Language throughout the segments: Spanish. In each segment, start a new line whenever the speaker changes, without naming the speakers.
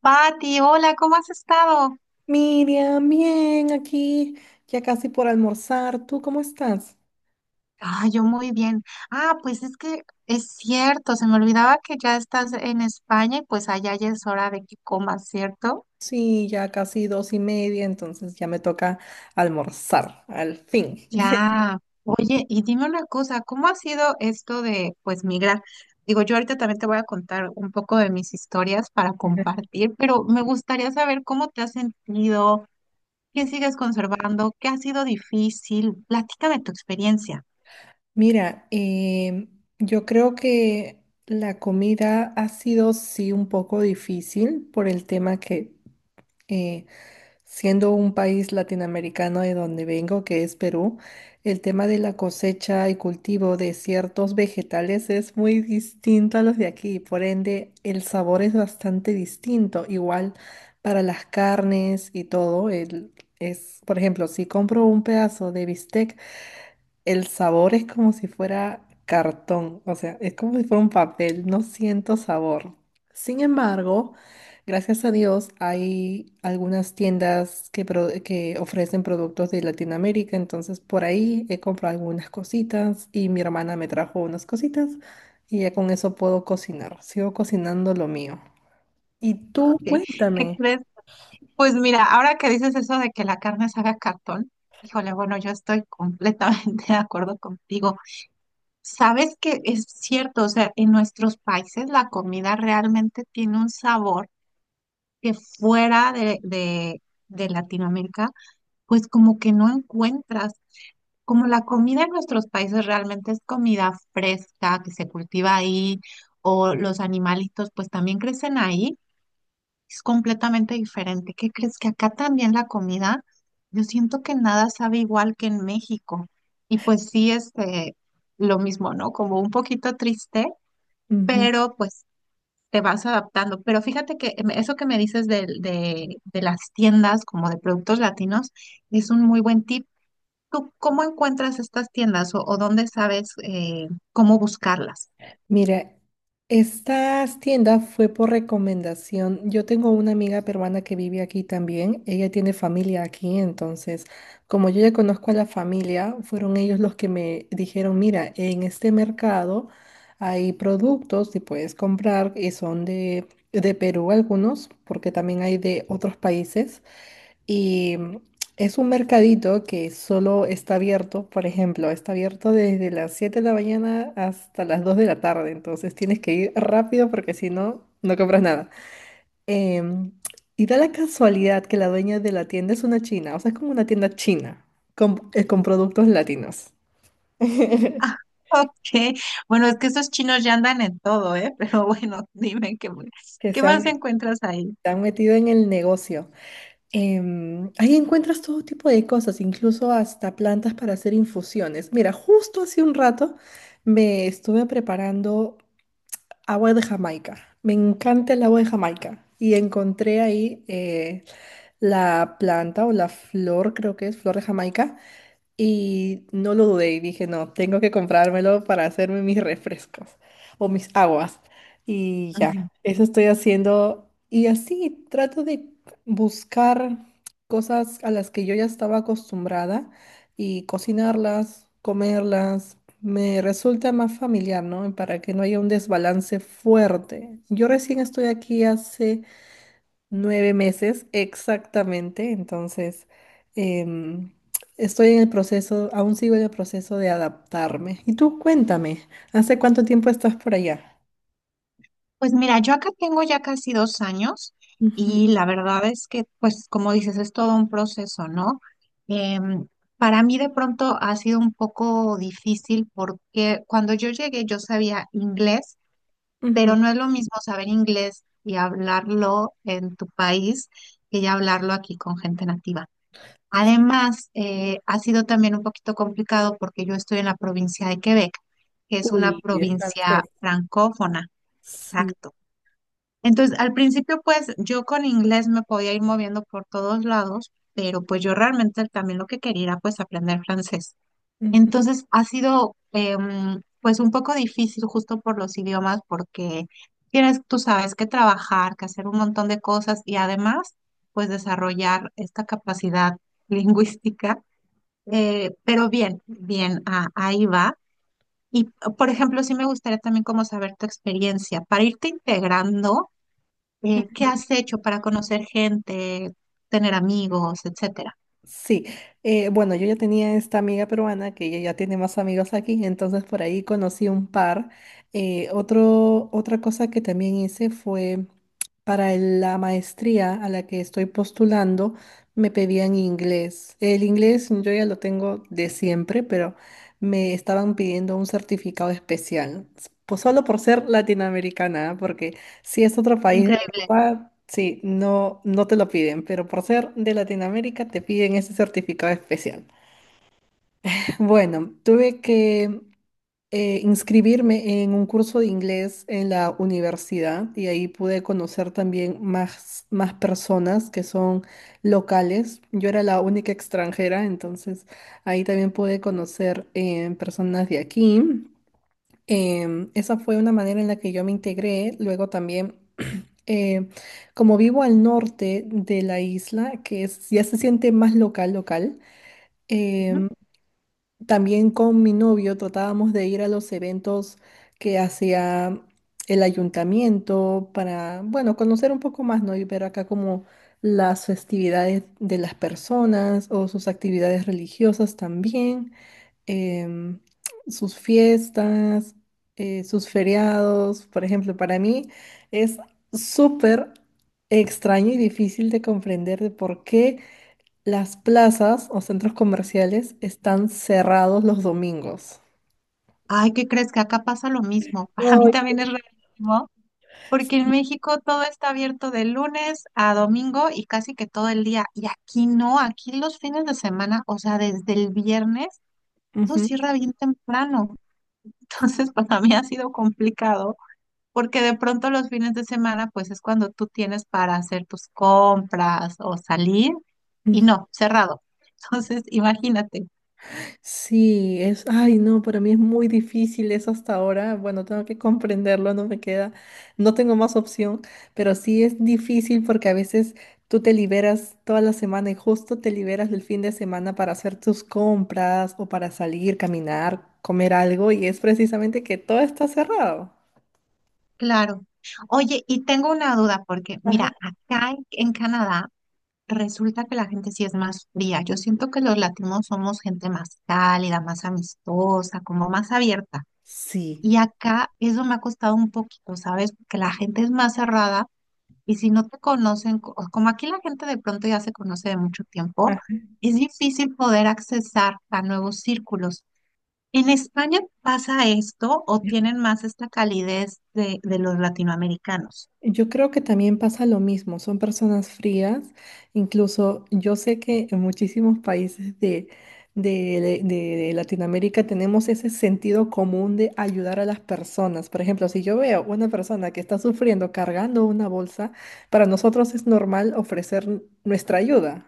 Pati, hola, ¿cómo has estado?
Miriam, bien, aquí ya casi por almorzar. ¿Tú cómo estás?
Ah, yo muy bien. Ah, pues es que es cierto, se me olvidaba que ya estás en España y pues allá ya es hora de que comas, ¿cierto?
Sí, ya casi 2:30, entonces ya me toca almorzar, al fin.
Ya. Oye, y dime una cosa, ¿cómo ha sido esto de pues migrar? Digo, yo ahorita también te voy a contar un poco de mis historias para compartir, pero me gustaría saber cómo te has sentido, qué sigues conservando, qué ha sido difícil. Platícame tu experiencia.
Mira, yo creo que la comida ha sido sí un poco difícil por el tema que eh, siendo un país latinoamericano de donde vengo, que es Perú, el tema de la cosecha y cultivo de ciertos vegetales es muy distinto a los de aquí, por ende el sabor es bastante distinto, igual para las carnes y todo, es, por ejemplo, si compro un pedazo de bistec, el sabor es como si fuera cartón, o sea, es como si fuera un papel, no siento sabor. Sin embargo, gracias a Dios hay algunas tiendas que ofrecen productos de Latinoamérica, entonces por ahí he comprado algunas cositas y mi hermana me trajo unas cositas y ya con eso puedo cocinar, sigo cocinando lo mío. Y tú,
¿Qué, qué
cuéntame.
crees? Pues mira, ahora que dices eso de que la carne se haga cartón, híjole, bueno, yo estoy completamente de acuerdo contigo. Sabes que es cierto, o sea, en nuestros países la comida realmente tiene un sabor que de Latinoamérica, pues como que no encuentras. Como la comida en nuestros países realmente es comida fresca que se cultiva ahí, o los animalitos pues también crecen ahí. Es completamente diferente. ¿Qué crees que acá también la comida? Yo siento que nada sabe igual que en México. Y pues sí, este, lo mismo, ¿no? Como un poquito triste, pero pues te vas adaptando. Pero fíjate que eso que me dices de las tiendas como de productos latinos es un muy buen tip. ¿Tú cómo encuentras estas tiendas o dónde sabes cómo buscarlas?
Mira, estas tiendas fue por recomendación. Yo tengo una amiga peruana que vive aquí también. Ella tiene familia aquí, entonces, como yo ya conozco a la familia, fueron ellos los que me dijeron, mira, en este mercado hay productos que puedes comprar y son de Perú algunos, porque también hay de otros países. Y mm, es un mercadito que solo está abierto, por ejemplo, está abierto desde las 7 de la mañana hasta las 2 de la tarde, entonces tienes que ir rápido porque si no, no compras nada. Em, y da la casualidad que la dueña de la tienda es una china, o sea, es como una tienda china con productos latinos que
Ah, ok. Bueno, es que esos chinos ya andan en todo, ¿eh? Pero bueno, dime qué
se han,
más
se
encuentras ahí.
han metido en el negocio. Ahí encuentras todo tipo de cosas, incluso hasta plantas para hacer infusiones. Mira, justo hace un rato me estuve preparando agua de Jamaica. Me encanta el agua de Jamaica. Y encontré ahí la planta o la flor, creo que es flor de Jamaica, y no lo dudé y dije, no, tengo que comprármelo para hacerme mis refrescos o mis aguas. Y ya,
Ujú.
eso estoy haciendo. Y así trato de buscar cosas a las que yo ya estaba acostumbrada y cocinarlas, comerlas. Me resulta más familiar, ¿no? Para que no haya un desbalance fuerte. Yo recién estoy aquí hace nueve meses, exactamente. Entonces, em, estoy en el proceso, aún sigo en el proceso de adaptarme. Y tú, cuéntame, ¿hace cuánto tiempo estás por allá?
Pues mira, yo acá tengo ya casi 2 años,
Ujú,
y la verdad es que, pues como dices, es todo un proceso, ¿no? Em, para mí de pronto ha sido un poco difícil porque cuando yo llegué yo sabía inglés,
ujú.
pero no es lo mismo saber inglés y hablarlo en tu país que ya hablarlo aquí con gente nativa. Además, ha sido también un poquito complicado porque yo estoy en la provincia de Quebec, que es una
Uy, es
provincia
francés.
francófona.
Sí.
Exacto. Entonces, al principio, pues yo con inglés me podía ir moviendo por todos lados, pero pues yo realmente también lo que quería era pues aprender francés.
Ujú.
Entonces ha sido pues un poco difícil justo por los idiomas porque tienes, tú sabes, que trabajar, que hacer un montón de cosas y además pues desarrollar esta capacidad lingüística. Pero ahí va. Y por ejemplo, sí me gustaría también como saber tu experiencia para irte integrando, ¿qué has hecho para conocer gente, tener amigos, etcétera?
Sí, bueno, yo ya tenía esta amiga peruana que ella ya tiene más amigos aquí, entonces por ahí conocí un par. Otra cosa que también hice fue para la maestría a la que estoy postulando, me pedían inglés. El inglés yo ya lo tengo de siempre, pero me estaban pidiendo un certificado especial, pues solo por ser latinoamericana, ¿ah? Porque si es otro país de
Increíble.
Europa, sí, no, no te lo piden, pero por ser de Latinoamérica te piden ese certificado especial. Bueno, tuve que inscribirme en un curso de inglés en la universidad y ahí pude conocer también más personas que son locales. Yo era la única extranjera, entonces ahí también pude conocer personas de aquí. Esa fue una manera en la que yo me integré. Luego también eh, como vivo al norte de la isla, ya se siente más local, local, em, también con mi novio tratábamos de ir a los eventos que hacía el ayuntamiento para, bueno, conocer un poco más, ¿no? Y ver acá como las festividades de las personas o sus actividades religiosas también em, sus fiestas, sus feriados. Por ejemplo, para mí es súper extraño y difícil de comprender de por qué las plazas o centros comerciales están cerrados los domingos.
Ay, ¿qué crees que acá pasa lo mismo? Para mí
Ay.
también es rarísimo, porque en México todo está abierto de lunes a domingo y casi que todo el día. Y aquí no, aquí los fines de semana, o sea, desde el viernes, todo
Ujú.
cierra bien temprano. Entonces, para mí ha sido complicado, porque de pronto los fines de semana, pues es cuando tú tienes para hacer tus compras o salir, y no, cerrado. Entonces, imagínate.
Sí, es, ay, no, para mí es muy difícil eso hasta ahora. Bueno, tengo que comprenderlo, no me queda, no tengo más opción, pero sí es difícil porque a veces tú te liberas toda la semana y justo te liberas del fin de semana para hacer tus compras o para salir, caminar, comer algo y es precisamente que todo está cerrado.
Claro. Oye, y tengo una duda porque,
Ajá.
mira, acá en Canadá resulta que la gente sí es más fría. Yo siento que los latinos somos gente más cálida, más amistosa, como más abierta.
Sí.
Y acá eso me ha costado un poquito, ¿sabes? Porque la gente es más cerrada y si no te conocen, como aquí la gente de pronto ya se conoce de mucho tiempo,
Ajá.
es difícil poder accesar a nuevos círculos. ¿En España pasa esto o tienen más esta calidez de los latinoamericanos?
Yo creo que también pasa lo mismo, son personas frías, incluso yo sé que en muchísimos países de Latinoamérica tenemos ese sentido común de ayudar a las personas. Por ejemplo, si yo veo una persona que está sufriendo cargando una bolsa, para nosotros es normal ofrecer nuestra ayuda.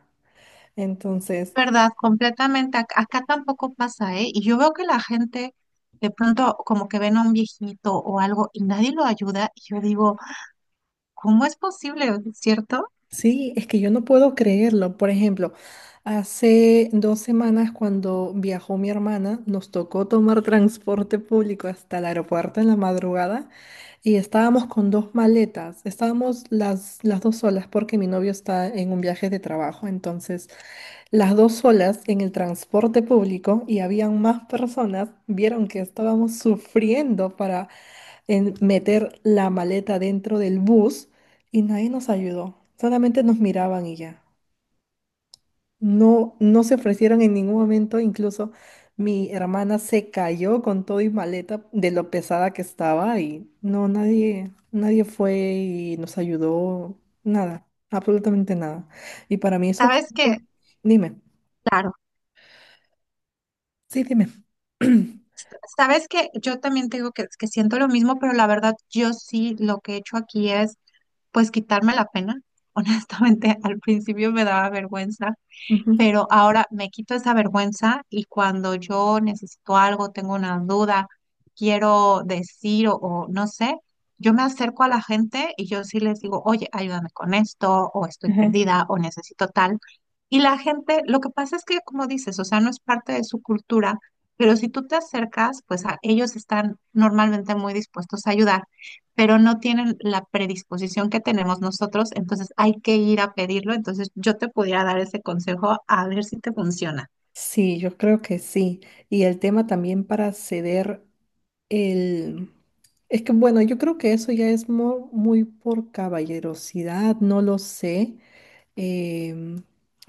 Entonces,
Verdad, completamente. Acá, tampoco pasa, ¿eh? Y yo veo que la gente de pronto como que ven a un viejito o algo y nadie lo ayuda. Y yo digo, ¿cómo es posible? ¿Cierto?
sí, es que yo no puedo creerlo. Por ejemplo, hace 2 semanas cuando viajó mi hermana, nos tocó tomar transporte público hasta el aeropuerto en la madrugada y estábamos con dos maletas. Estábamos las dos solas porque mi novio está en un viaje de trabajo. Entonces, las dos solas en el transporte público y habían más personas, vieron que estábamos sufriendo en meter la maleta dentro del bus y nadie nos ayudó. Solamente nos miraban y ya. No, no se ofrecieron en ningún momento. Incluso mi hermana se cayó con todo y maleta de lo pesada que estaba y no, nadie, nadie fue y nos ayudó. Nada, absolutamente nada. Y para mí eso fue...
Sabes que,
Dime,
claro,
sí, dime.
sabes que yo también te digo que siento lo mismo, pero la verdad yo sí lo que he hecho aquí es pues quitarme la pena. Honestamente, al principio me daba vergüenza.
Ujú,
Pero ahora me quito esa vergüenza y cuando yo necesito algo, tengo una duda, quiero decir o no sé, yo me acerco a la gente y yo sí les digo, oye, ayúdame con esto, o estoy
ajá.
perdida, o necesito tal. Y la gente, lo que pasa es que, como dices, o sea, no es parte de su cultura, pero si tú te acercas, pues a, ellos están normalmente muy dispuestos a ayudar, pero no tienen la predisposición que tenemos nosotros, entonces hay que ir a pedirlo, entonces yo te pudiera dar ese consejo a ver si te funciona.
Sí, yo creo que sí. Y el tema también para ceder el... Es que bueno, yo creo que eso ya es muy por caballerosidad, no lo sé. Em,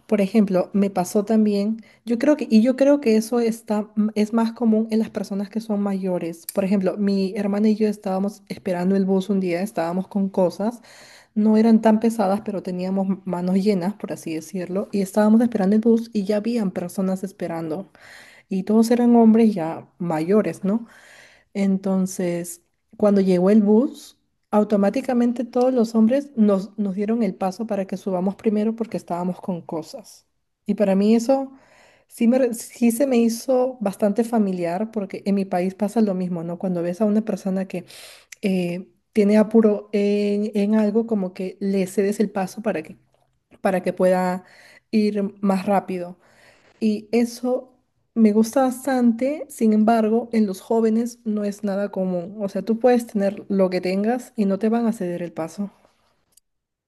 por ejemplo, me pasó también, y yo creo que eso está, es más común en las personas que son mayores. Por ejemplo, mi hermana y yo estábamos esperando el bus un día, estábamos con cosas, no eran tan pesadas, pero teníamos manos llenas, por así decirlo, y estábamos esperando el bus y ya habían personas esperando, y todos eran hombres ya mayores, ¿no? Entonces, cuando llegó el bus, automáticamente todos los hombres nos, nos dieron el paso para que subamos primero porque estábamos con cosas. Y para mí eso sí, sí se me hizo bastante familiar porque en mi país pasa lo mismo, ¿no? Cuando ves a una persona que tiene apuro en algo, como que le cedes el paso para que pueda ir más rápido. Y eso me gusta bastante, sin embargo, en los jóvenes no es nada común. O sea, tú puedes tener lo que tengas y no te van a ceder el paso.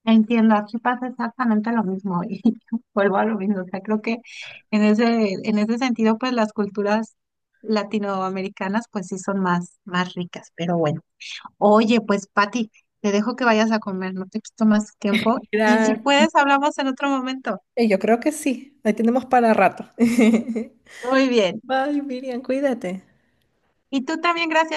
Entiendo, aquí pasa exactamente lo mismo y vuelvo a lo mismo, o sea, creo que en ese sentido, pues las culturas latinoamericanas, pues sí son más ricas, pero bueno. Oye, pues Pati, te dejo que vayas a comer, no te quito más tiempo y si
Gracias.
puedes, hablamos en otro momento.
Yo creo que sí, ahí tenemos para rato.
Muy bien.
Bye, Miriam, cuídate.
Y tú también, gracias.